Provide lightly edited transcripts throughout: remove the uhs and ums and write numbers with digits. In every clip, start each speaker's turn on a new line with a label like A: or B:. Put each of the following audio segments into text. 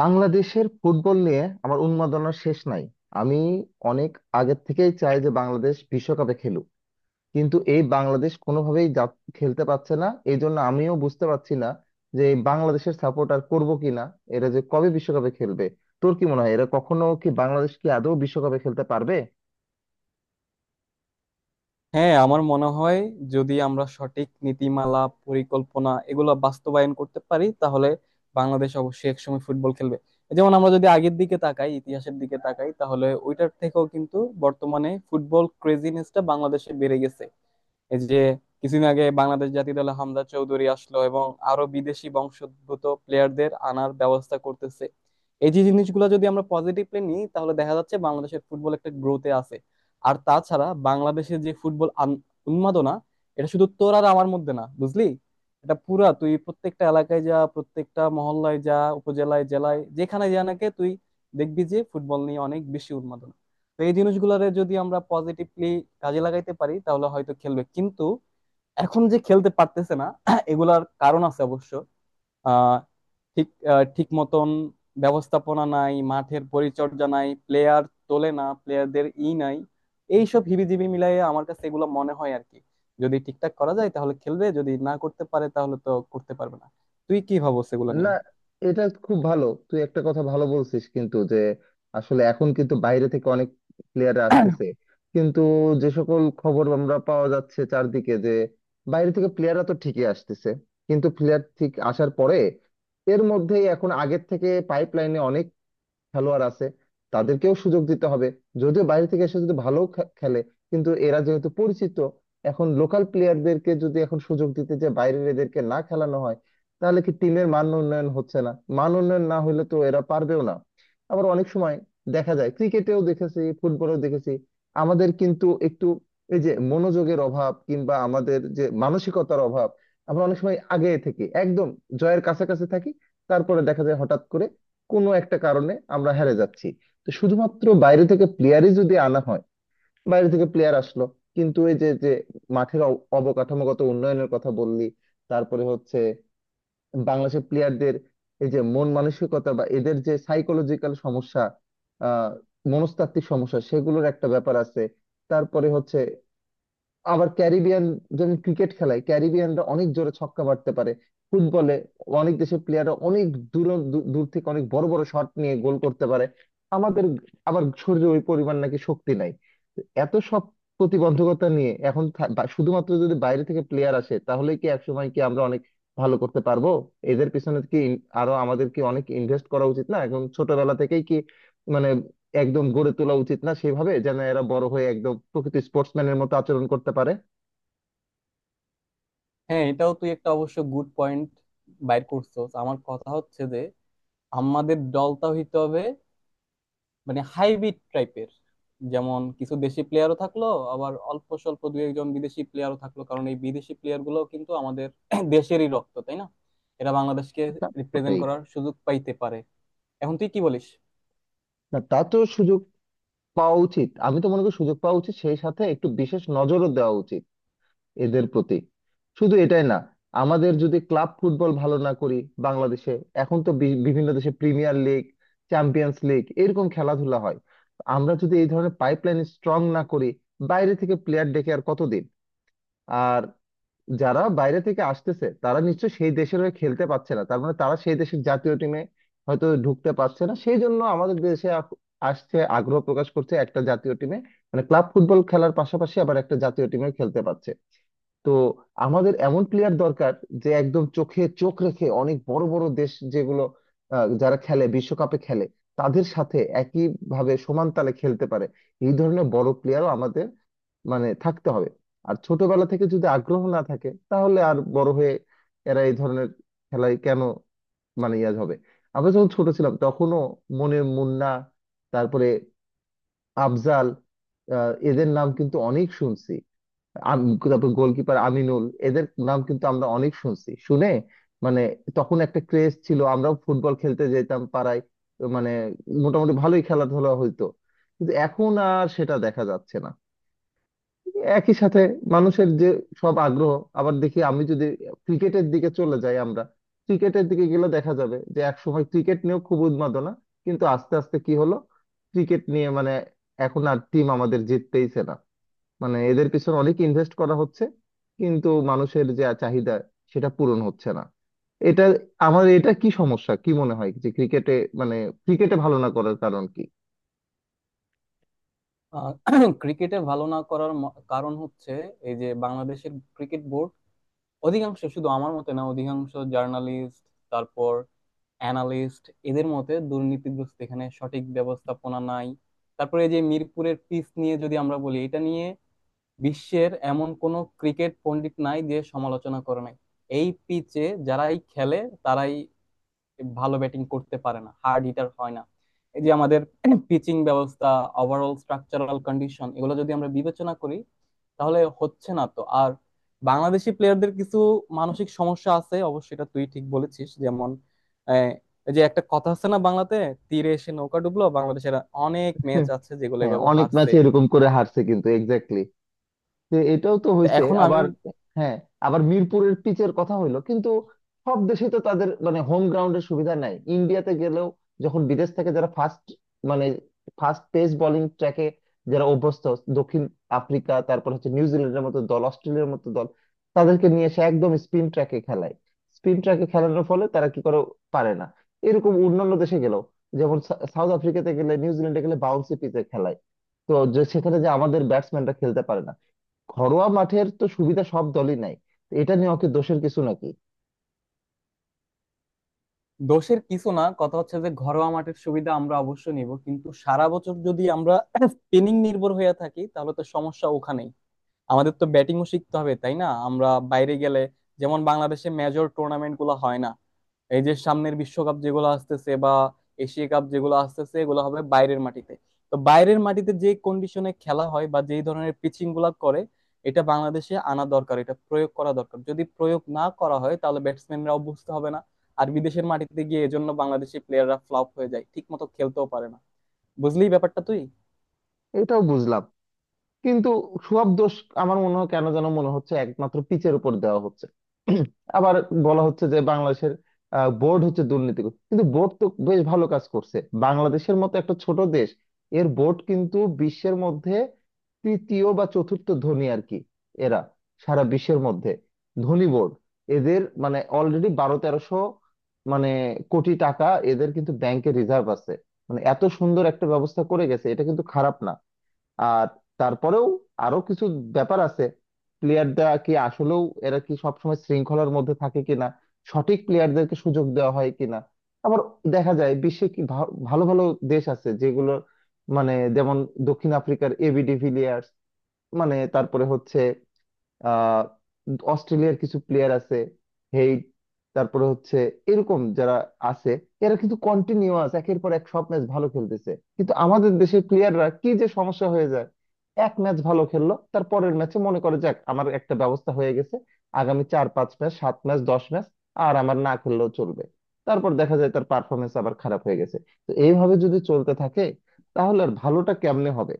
A: বাংলাদেশের ফুটবল নিয়ে আমার উন্মাদনার শেষ নাই। আমি অনেক আগের থেকেই চাই যে বাংলাদেশ বিশ্বকাপে খেলুক, কিন্তু এই বাংলাদেশ কোনোভাবেই খেলতে পারছে না। এই জন্য আমিও বুঝতে পারছি না যে এই বাংলাদেশের সাপোর্ট আর করবো কিনা, এরা যে কবে বিশ্বকাপে খেলবে। তোর কি মনে হয় এরা কখনো কি, বাংলাদেশ কি আদৌ বিশ্বকাপে খেলতে পারবে?
B: হ্যাঁ, আমার মনে হয় যদি আমরা সঠিক নীতিমালা, পরিকল্পনা এগুলো বাস্তবায়ন করতে পারি, তাহলে বাংলাদেশ অবশ্যই একসময় ফুটবল খেলবে। যেমন আমরা যদি আগের দিকে তাকাই, ইতিহাসের দিকে তাকাই, তাহলে ওইটার থেকেও কিন্তু বর্তমানে ফুটবল ক্রেজিনেসটা বাংলাদেশে বেড়ে গেছে। এই যে কিছুদিন আগে বাংলাদেশ জাতীয় দলে হামজা চৌধুরী আসলো এবং আরো বিদেশি বংশোদ্ভূত প্লেয়ারদের আনার ব্যবস্থা করতেছে। এই যে জিনিসগুলো যদি আমরা পজিটিভলি নিই, তাহলে দেখা যাচ্ছে বাংলাদেশের ফুটবল একটা গ্রোথে আছে। আর তাছাড়া বাংলাদেশে যে ফুটবল উন্মাদনা, এটা শুধু তোর আর আমার মধ্যে না, বুঝলি। এটা পুরা তুই প্রত্যেকটা এলাকায় যা, প্রত্যেকটা মহল্লায় যা, উপজেলায়, জেলায়, যেখানে যা নাকি, তুই দেখবি যে ফুটবল নিয়ে অনেক বেশি উন্মাদনা। তো এই জিনিসগুলোরে যদি আমরা পজিটিভলি কাজে লাগাইতে পারি, তাহলে হয়তো খেলবে। কিন্তু এখন যে খেলতে পারতেছে না, এগুলার কারণ আছে অবশ্য। আহ, ঠিক ঠিক মতন ব্যবস্থাপনা নাই, মাঠের পরিচর্যা নাই, প্লেয়ার তোলে না, প্লেয়ারদের ই নাই। এইসব হিবিজিবি মিলাইয়ে আমার কাছে এগুলো মনে হয় আর কি। যদি ঠিকঠাক করা যায় তাহলে খেলবে, যদি না করতে পারে তাহলে তো করতে পারবে না। তুই কি ভাবছ এগুলো
A: না,
B: নিয়ে?
A: এটা খুব ভালো, তুই একটা কথা ভালো বলছিস, কিন্তু যে আসলে এখন কিন্তু বাইরে থেকে অনেক প্লেয়ার আসতেছে, কিন্তু যে সকল খবর আমরা পাওয়া যাচ্ছে চারদিকে, যে বাইরে থেকে প্লেয়াররা তো ঠিকই আসতেছে, কিন্তু প্লেয়ার ঠিক আসার পরে এর মধ্যেই এখন আগের থেকে পাইপ লাইনে খেলোয়াড় আছে, তাদেরকেও সুযোগ দিতে হবে। যদিও বাইরে থেকে এসে যদি ভালো খেলে, কিন্তু এরা যেহেতু পরিচিত, এখন লোকাল প্লেয়ারদেরকে যদি এখন সুযোগ দিতে, যে বাইরের এদেরকে না খেলানো হয়, তাহলে কি টিমের মান উন্নয়ন হচ্ছে না? মান উন্নয়ন না হলে তো এরা পারবেও না। আবার অনেক সময় দেখা যায়, ক্রিকেটেও দেখেছি ফুটবলেও দেখেছি, আমাদের কিন্তু একটু এই যে মনোযোগের অভাব, কিংবা আমাদের যে মানসিকতার অভাব। আমরা অনেক সময় আগে থেকে একদম জয়ের কাছাকাছি থাকি, তারপরে দেখা যায় হঠাৎ করে কোনো একটা কারণে আমরা হেরে যাচ্ছি। তো শুধুমাত্র বাইরে থেকে প্লেয়ারই যদি আনা হয়, বাইরে থেকে প্লেয়ার আসলো, কিন্তু এই যে যে মাঠের অবকাঠামোগত উন্নয়নের কথা বললি, তারপরে হচ্ছে বাংলাদেশের প্লেয়ারদের এই যে মন মানসিকতা, বা এদের যে সাইকোলজিক্যাল সমস্যা, আহ মনস্তাত্ত্বিক সমস্যা, সেগুলোর একটা ব্যাপার আছে। তারপরে হচ্ছে আবার ক্যারিবিয়ান, যেমন ক্রিকেট খেলায় ক্যারিবিয়ানরা অনেক জোরে ছক্কা মারতে পারে, ফুটবলে অনেক দেশের প্লেয়াররা অনেক দূর দূর থেকে অনেক বড় বড় শট নিয়ে গোল করতে পারে। আমাদের আবার শরীরে ওই পরিমাণ নাকি শক্তি নাই। তো এত সব প্রতিবন্ধকতা নিয়ে এখন শুধুমাত্র যদি বাইরে থেকে প্লেয়ার আসে, তাহলে কি একসময় কি আমরা অনেক ভালো করতে পারবো? এদের পিছনে কি আরো আমাদের কি অনেক ইনভেস্ট করা উচিত না? এখন ছোটবেলা থেকেই কি, মানে, একদম গড়ে তোলা উচিত না, সেভাবে যেন এরা বড় হয়ে একদম প্রকৃত স্পোর্টসম্যানের মতো আচরণ করতে পারে।
B: হ্যাঁ, এটাও তুই একটা অবশ্য গুড পয়েন্ট বাইর করছো। আমার কথা হচ্ছে যে আমাদের দলটা হইতে হবে মানে হাইব্রিড টাইপের। যেমন কিছু দেশি প্লেয়ারও থাকলো, আবার অল্প স্বল্প দু একজন বিদেশি প্লেয়ারও থাকলো, কারণ এই বিদেশি প্লেয়ার গুলো কিন্তু আমাদের দেশেরই রক্ত, তাই না। এরা বাংলাদেশকে
A: তা
B: রিপ্রেজেন্ট
A: বটেই।
B: করার সুযোগ পাইতে পারে। এখন তুই কি বলিস?
A: না, তা তো সুযোগ পাওয়া উচিত। আমি তো মনে করি সুযোগ পাওয়া উচিত, সেই সাথে একটু বিশেষ নজরও দেওয়া উচিত এদের প্রতি। শুধু এটাই না, আমাদের যদি ক্লাব ফুটবল ভালো না করি বাংলাদেশে। এখন তো বিভিন্ন দেশে প্রিমিয়ার লিগ, চ্যাম্পিয়ন্স লিগ এরকম খেলাধুলা হয়। আমরা যদি এই ধরনের পাইপলাইন স্ট্রং না করি, বাইরে থেকে প্লেয়ার ডেকে আর কতদিন? আর যারা বাইরে থেকে আসতেছে, তারা নিশ্চয় সেই দেশের হয়ে খেলতে পারছে না, তার মানে তারা সেই দেশের জাতীয় টিমে হয়তো ঢুকতে পারছে না, সেই জন্য আমাদের দেশে আসছে, আগ্রহ প্রকাশ করছে একটা জাতীয় টিমে, মানে ক্লাব ফুটবল খেলার পাশাপাশি আবার একটা জাতীয় টিমে খেলতে পারছে। তো আমাদের এমন প্লেয়ার দরকার, যে একদম চোখে চোখ রেখে অনেক বড় বড় দেশ, যেগুলো যারা খেলে, বিশ্বকাপে খেলে, তাদের সাথে একই ভাবে সমান তালে খেলতে পারে। এই ধরনের বড় প্লেয়ারও আমাদের, মানে, থাকতে হবে। আর ছোটবেলা থেকে যদি আগ্রহ না থাকে, তাহলে আর বড় হয়ে এরা এই ধরনের খেলায় কেন, মানে, ইয়া হবে। আমরা যখন ছোট ছিলাম তখনও মনে মুন্না, তারপরে আফজাল, এদের নাম কিন্তু অনেক শুনছি। আম- তারপর গোলকিপার আমিনুল, এদের নাম কিন্তু আমরা অনেক শুনছি শুনে, মানে, তখন একটা ক্রেজ ছিল। আমরাও ফুটবল খেলতে যেতাম পাড়ায়। তো মানে মোটামুটি ভালোই খেলাধুলা হইতো, কিন্তু এখন আর সেটা দেখা যাচ্ছে না। একই সাথে মানুষের যে সব আগ্রহ, আবার দেখি আমি যদি ক্রিকেটের দিকে চলে যাই। আমরা ক্রিকেটের দিকে গেলে দেখা যাবে যে একসময় ক্রিকেট নিয়েও খুব উন্মাদনা, কিন্তু আস্তে আস্তে কি হলো, ক্রিকেট নিয়ে মানে এখন আর টিম আমাদের জিততেইছে না। মানে এদের পিছনে অনেক ইনভেস্ট করা হচ্ছে, কিন্তু মানুষের যে চাহিদা সেটা পূরণ হচ্ছে না। এটা, আমার এটা কি সমস্যা কি মনে হয় যে ক্রিকেটে, মানে, ক্রিকেটে ভালো না করার কারণ কি?
B: ক্রিকেটে ভালো না করার কারণ হচ্ছে এই যে বাংলাদেশের ক্রিকেট বোর্ড অধিকাংশ, শুধু আমার মতে না, অধিকাংশ জার্নালিস্ট, তারপর অ্যানালিস্ট, এদের মতে দুর্নীতিগ্রস্ত। এখানে সঠিক ব্যবস্থাপনা নাই। তারপরে এই যে মিরপুরের পিচ নিয়ে যদি আমরা বলি, এটা নিয়ে বিশ্বের এমন কোনো ক্রিকেট পণ্ডিত নাই যে সমালোচনা করে নাই। এই পিচে যারাই খেলে, তারাই ভালো ব্যাটিং করতে পারে না, হার্ড হিটার হয় না। এই যে আমাদের পিচিং ব্যবস্থা, ওভারঅল স্ট্রাকচারাল কন্ডিশন, এগুলো যদি আমরা বিবেচনা করি, তাহলে হচ্ছে না তো আর। বাংলাদেশি প্লেয়ারদের কিছু মানসিক সমস্যা আছে অবশ্যই, এটা তুই ঠিক বলেছিস। যেমন, আহ, এই যে একটা কথা আছে না বাংলাতে, তীরে এসে নৌকা ডুবলো, বাংলাদেশের অনেক ম্যাচ আছে যেগুলো
A: হ্যাঁ,
B: এভাবে
A: অনেক
B: হারছে।
A: ম্যাচে এরকম করে হারছে, কিন্তু এক্স্যাক্টলি যে এটাও তো
B: তো
A: হয়েছে
B: এখন আমি
A: আবার। হ্যাঁ, আবার মিরপুরের পিচের কথা হইলো, কিন্তু সব দেশে তো তাদের মানে হোম গ্রাউন্ডের সুবিধা নাই। ইন্ডিয়াতে গেলেও, যখন বিদেশ থেকে যারা ফাস্ট, মানে, ফাস্ট পেস বোলিং ট্র্যাকে যারা অভ্যস্ত, দক্ষিণ আফ্রিকা, তারপর হচ্ছে নিউজিল্যান্ডের মতো দল, অস্ট্রেলিয়ার মতো দল, তাদেরকে নিয়ে এসে একদম স্পিন ট্র্যাকে খেলায়, স্পিন ট্র্যাকে খেলানোর ফলে তারা কি করে, পারে না। এরকম অন্যান্য দেশে গেলেও, যেমন সাউথ আফ্রিকাতে গেলে নিউজিল্যান্ডে গেলে বাউন্সি পিচে খেলায়, তো যে সেখানে যে আমাদের ব্যাটসম্যানরা খেলতে পারে না। ঘরোয়া মাঠের তো সুবিধা সব দলই নাই। তো এটা নিয়ে ওকে, দোষের কিছু নাকি?
B: দোষের কিছু না, কথা হচ্ছে যে ঘরোয়া মাঠের সুবিধা আমরা অবশ্যই নিব, কিন্তু সারা বছর যদি আমরা স্পিনিং নির্ভর হয়ে থাকি, তাহলে তো সমস্যা ওখানেই। আমাদের তো ব্যাটিংও শিখতে হবে, তাই না, আমরা বাইরে গেলে। যেমন বাংলাদেশে মেজর টুর্নামেন্ট গুলো হয় না। এই যে সামনের বিশ্বকাপ যেগুলো আসতেছে, বা এশিয়া কাপ যেগুলো আসতেছে, এগুলো হবে বাইরের মাটিতে। তো বাইরের মাটিতে যে কন্ডিশনে খেলা হয় বা যেই ধরনের পিচিং গুলা করে, এটা বাংলাদেশে আনা দরকার, এটা প্রয়োগ করা দরকার। যদি প্রয়োগ না করা হয় তাহলে ব্যাটসম্যানরাও বুঝতে হবে না। আর বিদেশের মাটিতে গিয়ে এজন্য বাংলাদেশি প্লেয়াররা ফ্লপ হয়ে যায়, ঠিক মতো খেলতেও পারে না। বুঝলি ব্যাপারটা তুই?
A: এটাও বুঝলাম, কিন্তু সব দোষ আমার মনে হয় কেন যেন মনে হচ্ছে একমাত্র পিচের উপর দেওয়া হচ্ছে। আবার বলা হচ্ছে যে বাংলাদেশের বোর্ড হচ্ছে দুর্নীতি, কিন্তু বোর্ড তো বেশ ভালো কাজ করছে। বাংলাদেশের মতো একটা ছোট দেশ, এর বোর্ড কিন্তু বিশ্বের মধ্যে তৃতীয় বা চতুর্থ ধনী আর কি। এরা সারা বিশ্বের মধ্যে ধনী বোর্ড। এদের মানে অলরেডি বারো তেরোশো, মানে, কোটি টাকা এদের কিন্তু ব্যাংকে রিজার্ভ আছে। মানে এত সুন্দর একটা ব্যবস্থা করে গেছে, এটা কিন্তু খারাপ না। আর তারপরেও আরো কিছু ব্যাপার আছে। প্লেয়াররা কি আসলেও এরা কি সবসময় শৃঙ্খলার মধ্যে থাকে কিনা, সঠিক প্লেয়ারদেরকে সুযোগ দেওয়া হয় কিনা। আবার দেখা যায় বিশ্বে কি ভালো ভালো দেশ আছে যেগুলো, মানে, যেমন দক্ষিণ আফ্রিকার এবি ডিভিলিয়ার্স, মানে, তারপরে হচ্ছে আহ অস্ট্রেলিয়ার কিছু প্লেয়ার আছে, হেইড, তারপরে হচ্ছে এরকম যারা আছে, এরা কিন্তু কন্টিনিউয়াস একের পর এক সব ম্যাচ ভালো খেলতেছে। কিন্তু আমাদের দেশের প্লেয়াররা কি যে সমস্যা হয়ে যায়, এক ম্যাচ ভালো খেললো, তার পরের ম্যাচে মনে করে যাক আমার একটা ব্যবস্থা হয়ে গেছে, আগামী 4-5 ম্যাচ, 7 ম্যাচ, 10 ম্যাচ আর আমার না খেললেও চলবে। তারপর দেখা যায় তার পারফরমেন্স আবার খারাপ হয়ে গেছে। তো এইভাবে যদি চলতে থাকে, তাহলে আর ভালোটা কেমনে হবে?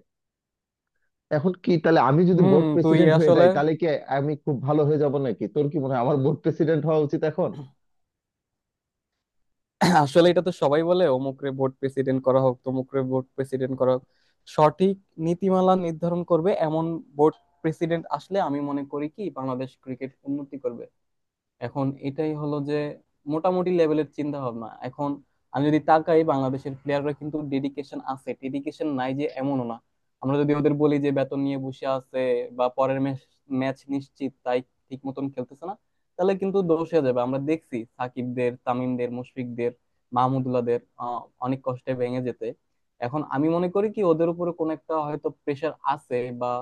A: এখন কি তাহলে আমি যদি
B: হুম,
A: বোর্ড
B: তুই
A: প্রেসিডেন্ট হয়ে
B: আসলে
A: যাই তাহলে কি আমি খুব ভালো হয়ে যাব নাকি? তোর কি মনে হয় আমার বোর্ড প্রেসিডেন্ট হওয়া উচিত এখন?
B: আসলে এটা তো সবাই বলে অমুকরে ভোট প্রেসিডেন্ট করা হোক, তমুকরে ভোট প্রেসিডেন্ট করা হোক। সঠিক নীতিমালা নির্ধারণ করবে এমন ভোট প্রেসিডেন্ট আসলে, আমি মনে করি কি বাংলাদেশ ক্রিকেট উন্নতি করবে। এখন এটাই হলো যে মোটামুটি লেভেলের চিন্তা ভাবনা। এখন আমি যদি তাকাই, বাংলাদেশের প্লেয়াররা কিন্তু ডেডিকেশন আছে, ডেডিকেশন নাই যে এমনও না। আমরা যদি ওদের বলি যে বেতন নিয়ে বসে আছে বা পরের ম্যাচ নিশ্চিত, তাই ঠিক মতন খেলতেছে না, তাহলে কিন্তু দোষ হয়ে যাবে। আমরা দেখছি সাকিবদের, তামিমদের, মুশফিকদের, মাহমুদুল্লাহদের অনেক কষ্টে ভেঙে যেতে। এখন আমি মনে করি কি ওদের উপরে কোনো একটা হয়তো প্রেশার আছে, বা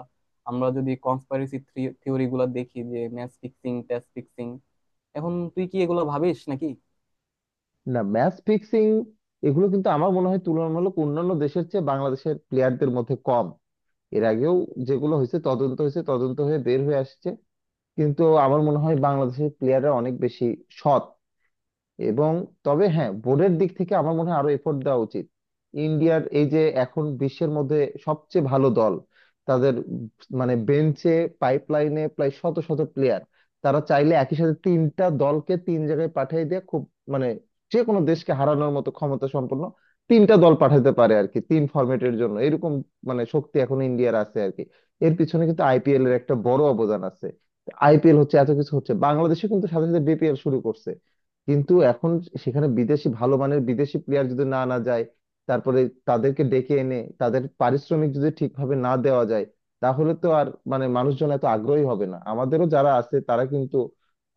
B: আমরা যদি কনস্পাইরেসি থিওরি গুলা দেখি, যে ম্যাচ ফিক্সিং, টেস্ট ফিক্সিং। এখন তুই কি এগুলো ভাবিস নাকি?
A: না, ম্যাচ ফিক্সিং এগুলো কিন্তু আমার মনে হয় তুলনামূলক অন্যান্য দেশের চেয়ে বাংলাদেশের প্লেয়ারদের মধ্যে কম। এর আগেও যেগুলো হয়েছে তদন্ত হয়েছে, তদন্ত হয়ে বের হয়ে আসছে, কিন্তু আমার মনে হয় বাংলাদেশের প্লেয়াররা অনেক বেশি সৎ। এবং তবে হ্যাঁ, বোর্ডের দিক থেকে আমার মনে হয় আরো এফোর্ট দেওয়া উচিত। ইন্ডিয়ার এই যে এখন বিশ্বের মধ্যে সবচেয়ে ভালো দল, তাদের মানে বেঞ্চে পাইপলাইনে প্রায় শত শত প্লেয়ার, তারা চাইলে একই সাথে তিনটা দলকে 3 জায়গায় পাঠিয়ে দিয়ে খুব, মানে, যে কোনো দেশকে হারানোর মতো ক্ষমতা সম্পন্ন 3টা দল পাঠাতে পারে আর কি, 3 ফরম্যাটের জন্য। এরকম, মানে, শক্তি এখন ইন্ডিয়ার আছে আর কি। এর পিছনে কিন্তু আইপিএল এর একটা বড় অবদান আছে। আইপিএল হচ্ছে, এত কিছু হচ্ছে। বাংলাদেশে কিন্তু সাথে সাথে বিপিএল শুরু করছে, কিন্তু এখন সেখানে বিদেশি ভালো মানের বিদেশি প্লেয়ার যদি না আনা যায়, তারপরে তাদেরকে ডেকে এনে তাদের পারিশ্রমিক যদি ঠিকভাবে না দেওয়া যায়, তাহলে তো আর, মানে, মানুষজন এত আগ্রহী হবে না। আমাদেরও যারা আছে তারা কিন্তু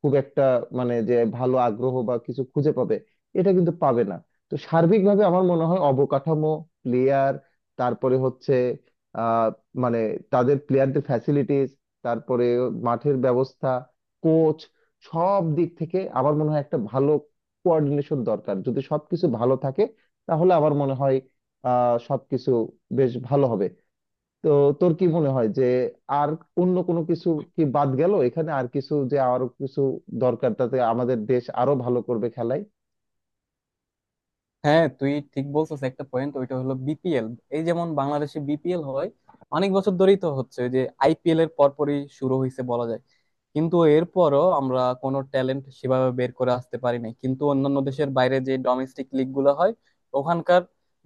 A: খুব একটা, মানে, যে ভালো আগ্রহ বা কিছু খুঁজে পাবে, এটা কিন্তু পাবে না। তো সার্বিকভাবে আমার মনে হয় অবকাঠামো, প্লেয়ার, তারপরে হচ্ছে আহ মানে তাদের প্লেয়ারদের ফ্যাসিলিটিস, তারপরে মাঠের ব্যবস্থা, কোচ, সব দিক থেকে আমার মনে হয় একটা ভালো কোঅর্ডিনেশন দরকার। যদি সবকিছু ভালো থাকে তাহলে আমার মনে হয় সবকিছু বেশ ভালো হবে। তো তোর কি মনে হয় যে আর অন্য কোনো কিছু কি বাদ গেল এখানে, আর কিছু যে আরো কিছু দরকার, তাতে আমাদের দেশ আরো ভালো করবে খেলায়?
B: হ্যাঁ, তুই ঠিক বলছিস একটা পয়েন্ট, ওইটা হলো বিপিএল। এই যেমন বাংলাদেশে বিপিএল হয় অনেক বছর ধরেই তো হচ্ছে, ওই যে আইপিএল এর পরপরই শুরু হয়েছে বলা যায়। কিন্তু এরপরও আমরা কোনো ট্যালেন্ট সেভাবে বের করে আসতে পারি নাই। কিন্তু অন্যান্য দেশের বাইরে যে ডোমেস্টিক লিগ গুলো হয়, ওখানকার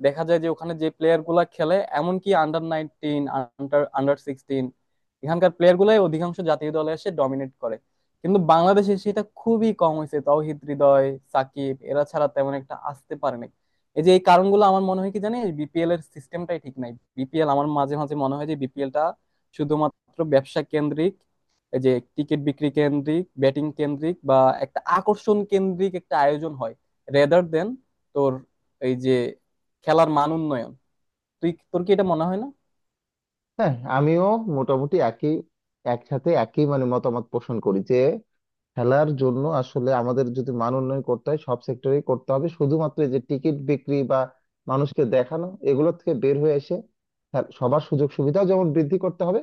B: দেখা যায় যে ওখানে যে প্লেয়ার গুলা খেলে, এমনকি আন্ডার 19, আন্ডার আন্ডার 16, এখানকার প্লেয়ার গুলাই অধিকাংশ জাতীয় দলে এসে ডমিনেট করে। কিন্তু বাংলাদেশে সেটা খুবই কম হয়েছে। তাওহিদ হৃদয়, সাকিব, এরা ছাড়া তেমন একটা আসতে পারেনি। এই যে এই কারণগুলো আমার মনে হয় কি জানিস, বিপিএল এর সিস্টেমটাই ঠিক নাই। বিপিএল আমার মাঝে মাঝে মনে হয় যে বিপিএলটা শুধুমাত্র ব্যবসা কেন্দ্রিক, এই যে টিকিট বিক্রি কেন্দ্রিক, ব্যাটিং কেন্দ্রিক, বা একটা আকর্ষণ কেন্দ্রিক একটা আয়োজন হয়, রেদার দেন তোর এই যে খেলার মান উন্নয়ন। তুই তোর কি এটা মনে হয় না?
A: হ্যাঁ, আমিও মোটামুটি একই, একসাথে একই, মানে, মতামত পোষণ করি যে খেলার জন্য আসলে আমাদের যদি মান উন্নয়ন করতে হয় সব সেক্টরেই করতে হবে। শুধুমাত্র এই যে টিকিট বিক্রি বা মানুষকে দেখানো, এগুলো থেকে বের হয়ে এসে সবার সুযোগ সুবিধা যেমন বৃদ্ধি করতে হবে,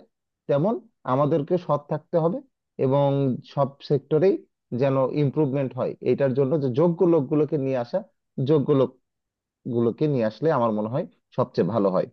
A: তেমন আমাদেরকে সৎ থাকতে হবে। এবং সব সেক্টরেই যেন ইমপ্রুভমেন্ট হয়, এটার জন্য যে যোগ্য লোকগুলোকে নিয়ে আসা, যোগ্য লোকগুলোকে নিয়ে আসলে আমার মনে হয় সবচেয়ে ভালো হয়।